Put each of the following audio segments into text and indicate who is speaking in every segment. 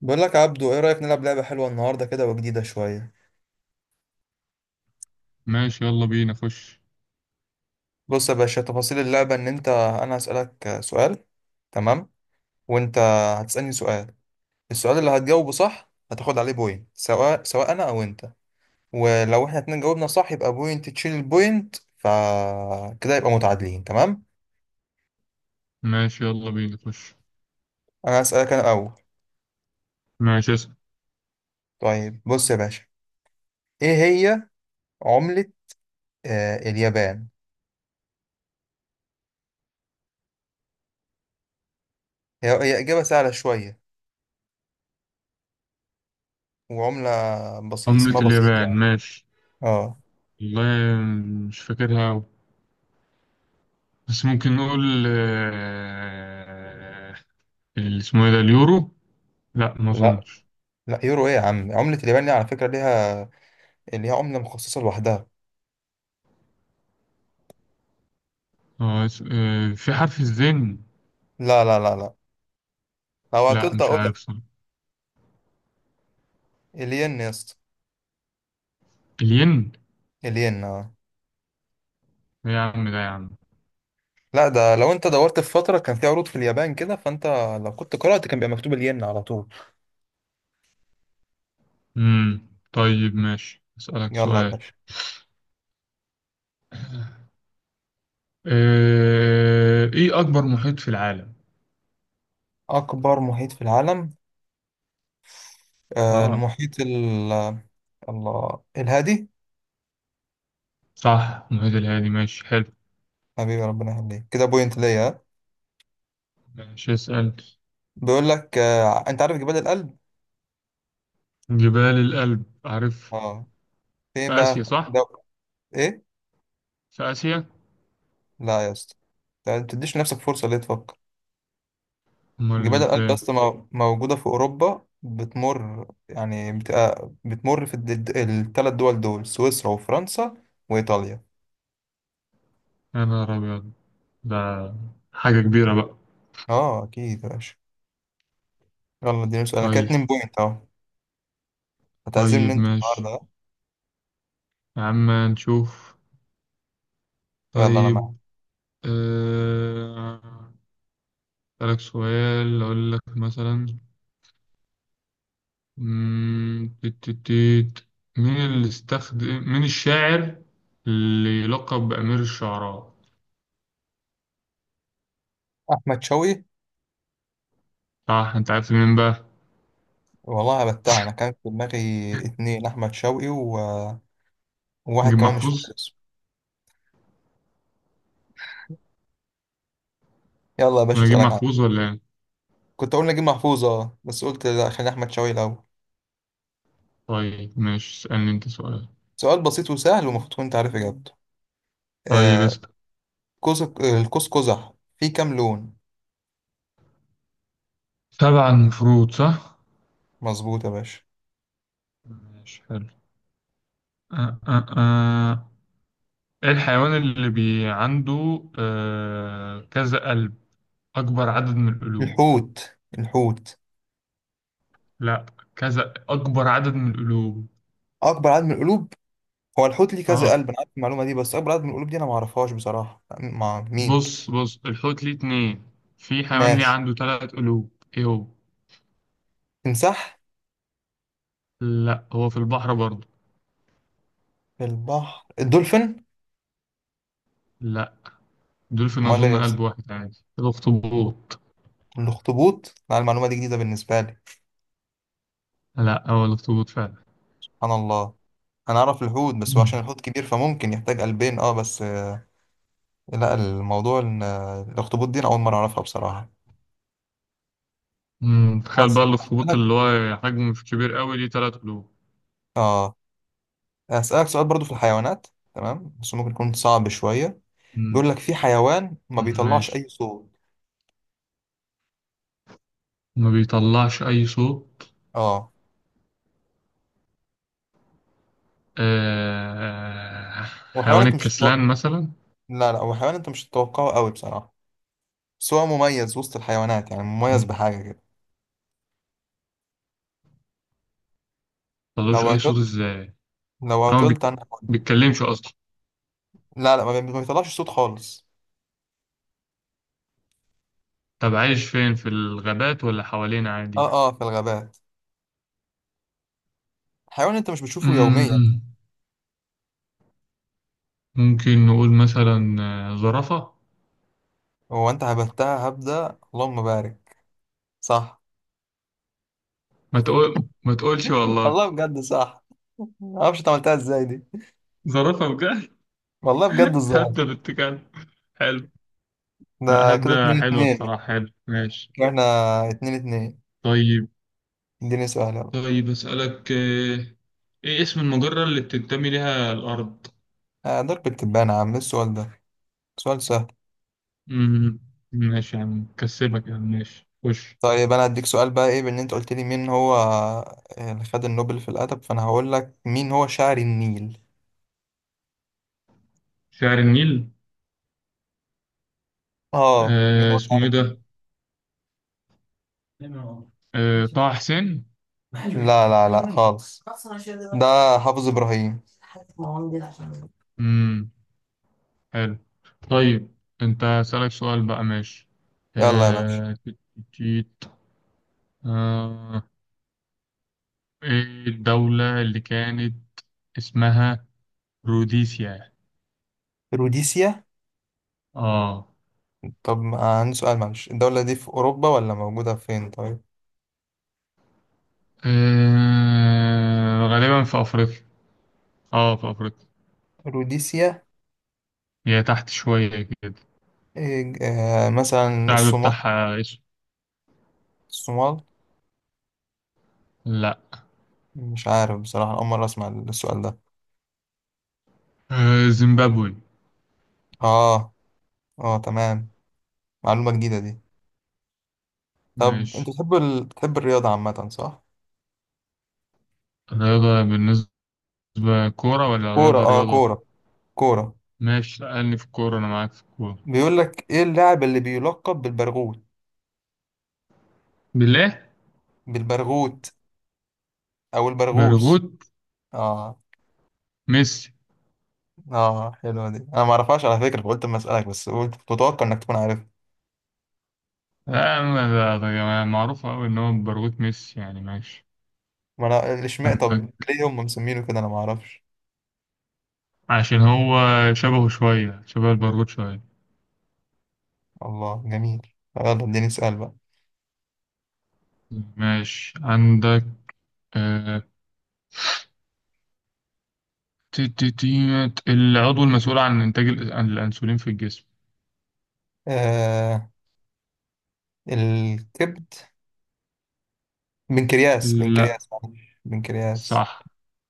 Speaker 1: بقول لك يا عبدو، ايه رأيك نلعب لعبة حلوة النهاردة كده وجديدة شوية؟
Speaker 2: ماشي، يلا بينا خش.
Speaker 1: بص يا باشا، تفاصيل اللعبة ان انت انا هسألك سؤال، تمام. وانت هتسألني سؤال. السؤال اللي هتجاوبه صح هتاخد عليه بوينت، سواء انا او انت. ولو احنا اتنين جاوبنا صح يبقى بوينت تشيل البوينت، فكده يبقى متعادلين، تمام.
Speaker 2: ماشي، يلا بينا خش.
Speaker 1: انا هسألك انا الاول.
Speaker 2: ماشي، اسأل.
Speaker 1: طيب بص يا باشا، ايه هي عملة اليابان؟ هي إجابة سهلة شوية، وعملة بسيط،
Speaker 2: عملة
Speaker 1: اسمها بسيط
Speaker 2: اليابان؟
Speaker 1: يعني
Speaker 2: ماشي.
Speaker 1: اه
Speaker 2: والله مش فاكرها أوي. بس ممكن نقول آه، اللي اسمه ايه ده؟ اليورو؟ لا، ما
Speaker 1: لا
Speaker 2: اظنش.
Speaker 1: لا، يورو ايه يا عم؟ عملة اليابان دي على فكرة ليها عملة مخصصة لوحدها.
Speaker 2: في حرف الزين.
Speaker 1: لا لا لا لا، لو
Speaker 2: لا،
Speaker 1: عطلت
Speaker 2: مش
Speaker 1: اقول
Speaker 2: عارف
Speaker 1: لك.
Speaker 2: صح.
Speaker 1: الين يا اسطى.
Speaker 2: الين.
Speaker 1: الين اه.
Speaker 2: إيه يا عم ده يا عم.
Speaker 1: لا، ده لو انت دورت في فترة كان في عروض في اليابان كده فانت لو كنت قرأت كان بيبقى مكتوب الين على طول.
Speaker 2: طيب، ماشي، اسألك
Speaker 1: يلا يا
Speaker 2: سؤال.
Speaker 1: باشا.
Speaker 2: ايه اكبر محيط في العالم؟
Speaker 1: اكبر محيط في العالم؟
Speaker 2: اه.
Speaker 1: المحيط الله، الهادي.
Speaker 2: صح، المحيط الهادي، ماشي حلو.
Speaker 1: حبيبي، ربنا يخليك، كده بوينت ليا، ها؟
Speaker 2: ماشي اسأل.
Speaker 1: بيقول لك انت عارف جبال الألب؟
Speaker 2: جبال الألب عارف.
Speaker 1: اه.
Speaker 2: في
Speaker 1: فين
Speaker 2: آسيا
Speaker 1: بقى
Speaker 2: صح؟
Speaker 1: ده؟ ايه؟
Speaker 2: في آسيا؟
Speaker 1: لا يا اسطى، انت ما تديش نفسك فرصة ليه تفكر. جبال
Speaker 2: أمال في
Speaker 1: الألب
Speaker 2: إيه؟
Speaker 1: بس موجودة في أوروبا، بتمر يعني بتبقى بتمر في الثلاث دول سويسرا وفرنسا وإيطاليا.
Speaker 2: يا نهار أبيض. ده حاجة كبيرة بقى.
Speaker 1: اه أكيد يا باشا. يلا اديني سؤال، أنا كده
Speaker 2: طيب.
Speaker 1: اتنين بوينت أهو. هتعزمني
Speaker 2: طيب
Speaker 1: أنت النهاردة،
Speaker 2: ماشي.
Speaker 1: ها؟
Speaker 2: يا عم نشوف.
Speaker 1: يلا أنا
Speaker 2: طيب.
Speaker 1: معاك.
Speaker 2: أه... أسألك سؤال، أقول لك مثلا مم، تيت تيت تيت. مين اللي استخدم، مين الشاعر اللي يلقب بأمير الشعراء؟
Speaker 1: أحمد شوقي.
Speaker 2: صح، أنت عارف مين بقى؟
Speaker 1: والله هبتها أنا، كان في دماغي اتنين أحمد شوقي وواحد
Speaker 2: نجيب
Speaker 1: كمان مش فاكر
Speaker 2: محفوظ؟
Speaker 1: اسمه. يلا يا باشا
Speaker 2: ولا نجيب
Speaker 1: أسألك عنه.
Speaker 2: محفوظ، ولا إيه؟
Speaker 1: كنت أقول نجيب محفوظ بس قلت لا، خلي أحمد شوقي الأول.
Speaker 2: طيب ماشي، اسألني أنت سؤال.
Speaker 1: سؤال بسيط وسهل ومفروض كنت عارف إجابته
Speaker 2: طيب،
Speaker 1: آه، قوس القوس قزح فيه كام لون؟
Speaker 2: سبع، المفروض صح؟
Speaker 1: مظبوط يا باشا.
Speaker 2: ماشي حلو. آه آه آه. ايه الحيوان اللي عنده كذا قلب، أكبر عدد من القلوب؟
Speaker 1: الحوت الحوت.
Speaker 2: لا، كذا أكبر عدد من القلوب.
Speaker 1: اكبر عدد من القلوب. هو الحوت ليه كذا
Speaker 2: اه،
Speaker 1: قلب، انا عارف المعلومه دي، بس اكبر عدد من القلوب دي انا ما اعرفهاش بصراحه مع مين.
Speaker 2: بص الحوت ليه اتنين، في
Speaker 1: مم.
Speaker 2: حيوان ليه
Speaker 1: ماشي.
Speaker 2: عنده تلات قلوب. ايه هو؟
Speaker 1: تمساح.
Speaker 2: لا، هو في البحر برضه.
Speaker 1: البحر، الدولفين.
Speaker 2: لا، دول في
Speaker 1: امال ايه
Speaker 2: أظن
Speaker 1: يا اسطى؟
Speaker 2: قلب واحد عادي. الأخطبوط.
Speaker 1: الاخطبوط. لا، المعلومه دي جديده بالنسبه لي.
Speaker 2: لا، هو الأخطبوط فعلا.
Speaker 1: سبحان الله. انا اعرف الحوت، بس هو عشان الحوت كبير فممكن يحتاج قلبين اه بس. لا، الموضوع الاخطبوط دي انا اول مره اعرفها بصراحه.
Speaker 2: مم. تخيل بقى
Speaker 1: بس
Speaker 2: الاخطبوط
Speaker 1: هسألك-
Speaker 2: اللي هو حجمه مش كبير قوي، ليه تلات قلوب.
Speaker 1: اه هسألك سؤال برضو في الحيوانات. تمام بس ممكن يكون صعب شوية.
Speaker 2: مم.
Speaker 1: بيقول لك في حيوان ما بيطلعش
Speaker 2: ماشي.
Speaker 1: أي صوت.
Speaker 2: ما بيطلعش أي صوت.
Speaker 1: اه،
Speaker 2: آه...
Speaker 1: وحيوان
Speaker 2: حيوان
Speaker 1: انت مش
Speaker 2: الكسلان مثلا.
Speaker 1: لا لا، وحيوان انت مش تتوقعه قوي بصراحة. بس هو مميز وسط الحيوانات، يعني
Speaker 2: ما
Speaker 1: مميز بحاجة كده.
Speaker 2: بيطلعش
Speaker 1: لو
Speaker 2: أي
Speaker 1: عطلت
Speaker 2: صوت إزاي؟
Speaker 1: لو
Speaker 2: هو ما بيت-
Speaker 1: عطلت انا هقول.
Speaker 2: بيتكلمش أصلا؟
Speaker 1: لا لا، ما بيطلعش صوت خالص.
Speaker 2: طب عايش فين، في الغابات ولا حوالينا عادي؟
Speaker 1: اه اه، في الغابات. حيوان انت مش بتشوفه يوميا.
Speaker 2: مم. ممكن نقول مثلا زرافة.
Speaker 1: هو انت هبتها هبدة، اللهم بارك. صح.
Speaker 2: ما تقول، ما تقولش والله.
Speaker 1: والله بجد صح. ما اعرفش انت عملتها ازاي دي.
Speaker 2: زرافة بجد.
Speaker 1: والله بجد الزرافة.
Speaker 2: هبدة بالتكال. حلو. لا،
Speaker 1: ده كده
Speaker 2: هبدة
Speaker 1: اتنين
Speaker 2: حلوة
Speaker 1: اتنين
Speaker 2: الصراحة، حلو ماشي.
Speaker 1: احنا 2-2.
Speaker 2: طيب.
Speaker 1: اديني سؤال يلا.
Speaker 2: طيب أسألك، إيه اسم المجرة اللي بتنتمي لها الأرض؟
Speaker 1: ضرب التبانة يا عم، إيه السؤال ده؟ سؤال سهل.
Speaker 2: مم. ماشي يا عم، كسبك يا عم، ماشي خش.
Speaker 1: طيب انا هديك سؤال بقى، ايه بان انت قلت لي مين هو، اللي خد النوبل في الادب، فانا هقول لك مين هو شاعر النيل.
Speaker 2: شعر النيل.
Speaker 1: اه، مين
Speaker 2: آه،
Speaker 1: هو
Speaker 2: اسمه إيه
Speaker 1: شاعر النيل.
Speaker 2: ده؟ آه، طه حسين؟
Speaker 1: لا لا لا خالص. ده حافظ ابراهيم.
Speaker 2: مم. حلو. طيب. أنت أسألك سؤال بقى، ماشي.
Speaker 1: يلا يا باشا.
Speaker 2: آه تيت- تيت. آه، إيه الدولة اللي كانت اسمها روديسيا؟
Speaker 1: روديسيا.
Speaker 2: آه.
Speaker 1: طب عندي سؤال، معلش الدولة دي في اوروبا ولا موجودة فين، طيب.
Speaker 2: غالبا في أفريقيا، آه في أفريقيا.
Speaker 1: روديسيا.
Speaker 2: هي تحت شوية كده.
Speaker 1: إيه، آه، مثلا
Speaker 2: الشعب
Speaker 1: الصومال.
Speaker 2: بتاعها اسود.
Speaker 1: الصومال.
Speaker 2: لا.
Speaker 1: مش عارف بصراحة، أول مرة أسمع السؤال ده.
Speaker 2: زيمبابوي.
Speaker 1: اه اه، تمام. معلومة جديدة دي. طب انت
Speaker 2: ماشي.
Speaker 1: بتحب بتحب الرياضة عامة، صح؟
Speaker 2: رياضة، بالنسبة كورة ولا
Speaker 1: كورة
Speaker 2: رياضة
Speaker 1: اه
Speaker 2: رياضة؟
Speaker 1: كورة. كورة.
Speaker 2: ماشي، لأني في الكورة، أنا معاك في الكورة.
Speaker 1: بيقول لك ايه اللاعب اللي بيلقب بالبرغوت؟
Speaker 2: بالله.
Speaker 1: بالبرغوت او البرغوث.
Speaker 2: برغوت.
Speaker 1: اه.
Speaker 2: ميسي.
Speaker 1: اه، حلوة دي، انا ما اعرفهاش على فكرة، فقلت اما اسألك، بس قلت كنت متوقع انك تكون عارف.
Speaker 2: لا أنا- ده يعني معروف أوي إن هو برغوت ميسي، يعني ماشي.
Speaker 1: ما انا اشمعنى، طب
Speaker 2: عندك،
Speaker 1: ليه هم مسمينه كده، انا ما اعرفش.
Speaker 2: عشان هو شبهه شوية، شبه البرغوت شوية.
Speaker 1: الله جميل. طب يلا اديني سؤال بقى.
Speaker 2: ماشي، عندك آه، العضو المسؤول عن إنتاج الأنسولين في الجسم.
Speaker 1: آه الكبد. بنكرياس
Speaker 2: لا.
Speaker 1: بنكرياس معلش. بنكرياس.
Speaker 2: صح،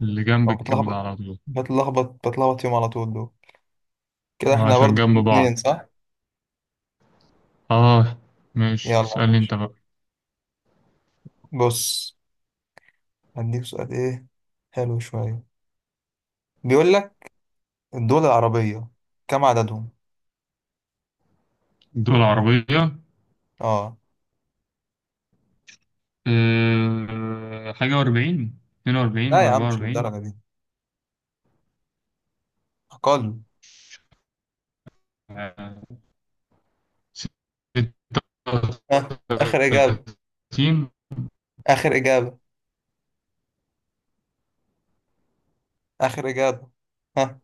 Speaker 2: اللي جنب
Speaker 1: أو
Speaker 2: الكبد
Speaker 1: بتلخبط
Speaker 2: على طول.
Speaker 1: بتلخبط بتلخبط يوم على طول دول. كده احنا
Speaker 2: عشان
Speaker 1: برضه
Speaker 2: جنب
Speaker 1: اتنين
Speaker 2: بعض.
Speaker 1: اتنين صح؟
Speaker 2: اه. ماشي،
Speaker 1: يلا يا
Speaker 2: اسألني
Speaker 1: باشا،
Speaker 2: انت بقى.
Speaker 1: بص هديك سؤال، ايه حلو شوية. بيقول لك الدول العربية كم عددهم؟
Speaker 2: الدول العربية؟
Speaker 1: اه.
Speaker 2: أه، 41، اتنين
Speaker 1: لا
Speaker 2: وأربعين
Speaker 1: يا عم،
Speaker 2: أربعة
Speaker 1: مش
Speaker 2: وأربعين
Speaker 1: للدرجة دي، أقل.
Speaker 2: ستة
Speaker 1: ها، آخر
Speaker 2: وثلاثين
Speaker 1: إجابة. آخر إجابة. آخر إجابة. ها.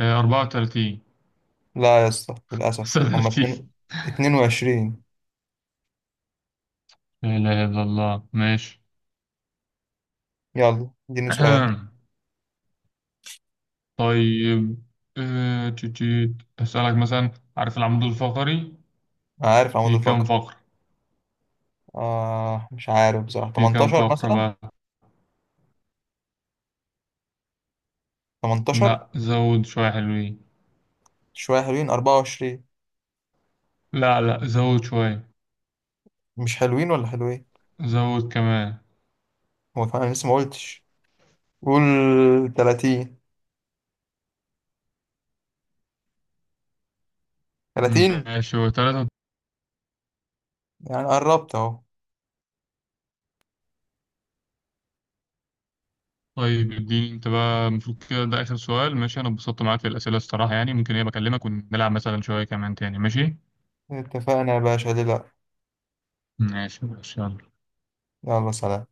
Speaker 2: 34.
Speaker 1: لا يا اسطى، للأسف
Speaker 2: خمسة
Speaker 1: هما
Speaker 2: وثلاثين
Speaker 1: اتنين. 22.
Speaker 2: لا إله إلا الله، ماشي.
Speaker 1: يلا اديني سؤال.
Speaker 2: طيب. أسألك مثلا، عارف العمود الفقري
Speaker 1: عارف عمود
Speaker 2: في كم
Speaker 1: الفقر.
Speaker 2: فقرة،
Speaker 1: مش عارف بصراحة،
Speaker 2: في كم
Speaker 1: 18
Speaker 2: فقرة
Speaker 1: مثلا.
Speaker 2: بقى؟
Speaker 1: 18.
Speaker 2: لا، زود شوية حلوين.
Speaker 1: شوية حلوين، 24.
Speaker 2: لا لا، زود شوية.
Speaker 1: مش حلوين ولا حلوين.
Speaker 2: زود كمان.
Speaker 1: هو كمان أنا لسه ما قلتش، قول. 30. 30.
Speaker 2: ماشي، هو تلاتة.
Speaker 1: يعني قربت اهو.
Speaker 2: طيب، اديني انت بقى، المفروض كده ده آخر سؤال، ماشي. أنا اتبسطت معاك في الأسئلة الصراحة، يعني ممكن ايه بكلمك ونلعب مثلا شوية كمان تاني؟ ماشي
Speaker 1: اتفقنا يا باشا، ليه لا.
Speaker 2: ماشي، ماشي يلا.
Speaker 1: يلا سلام.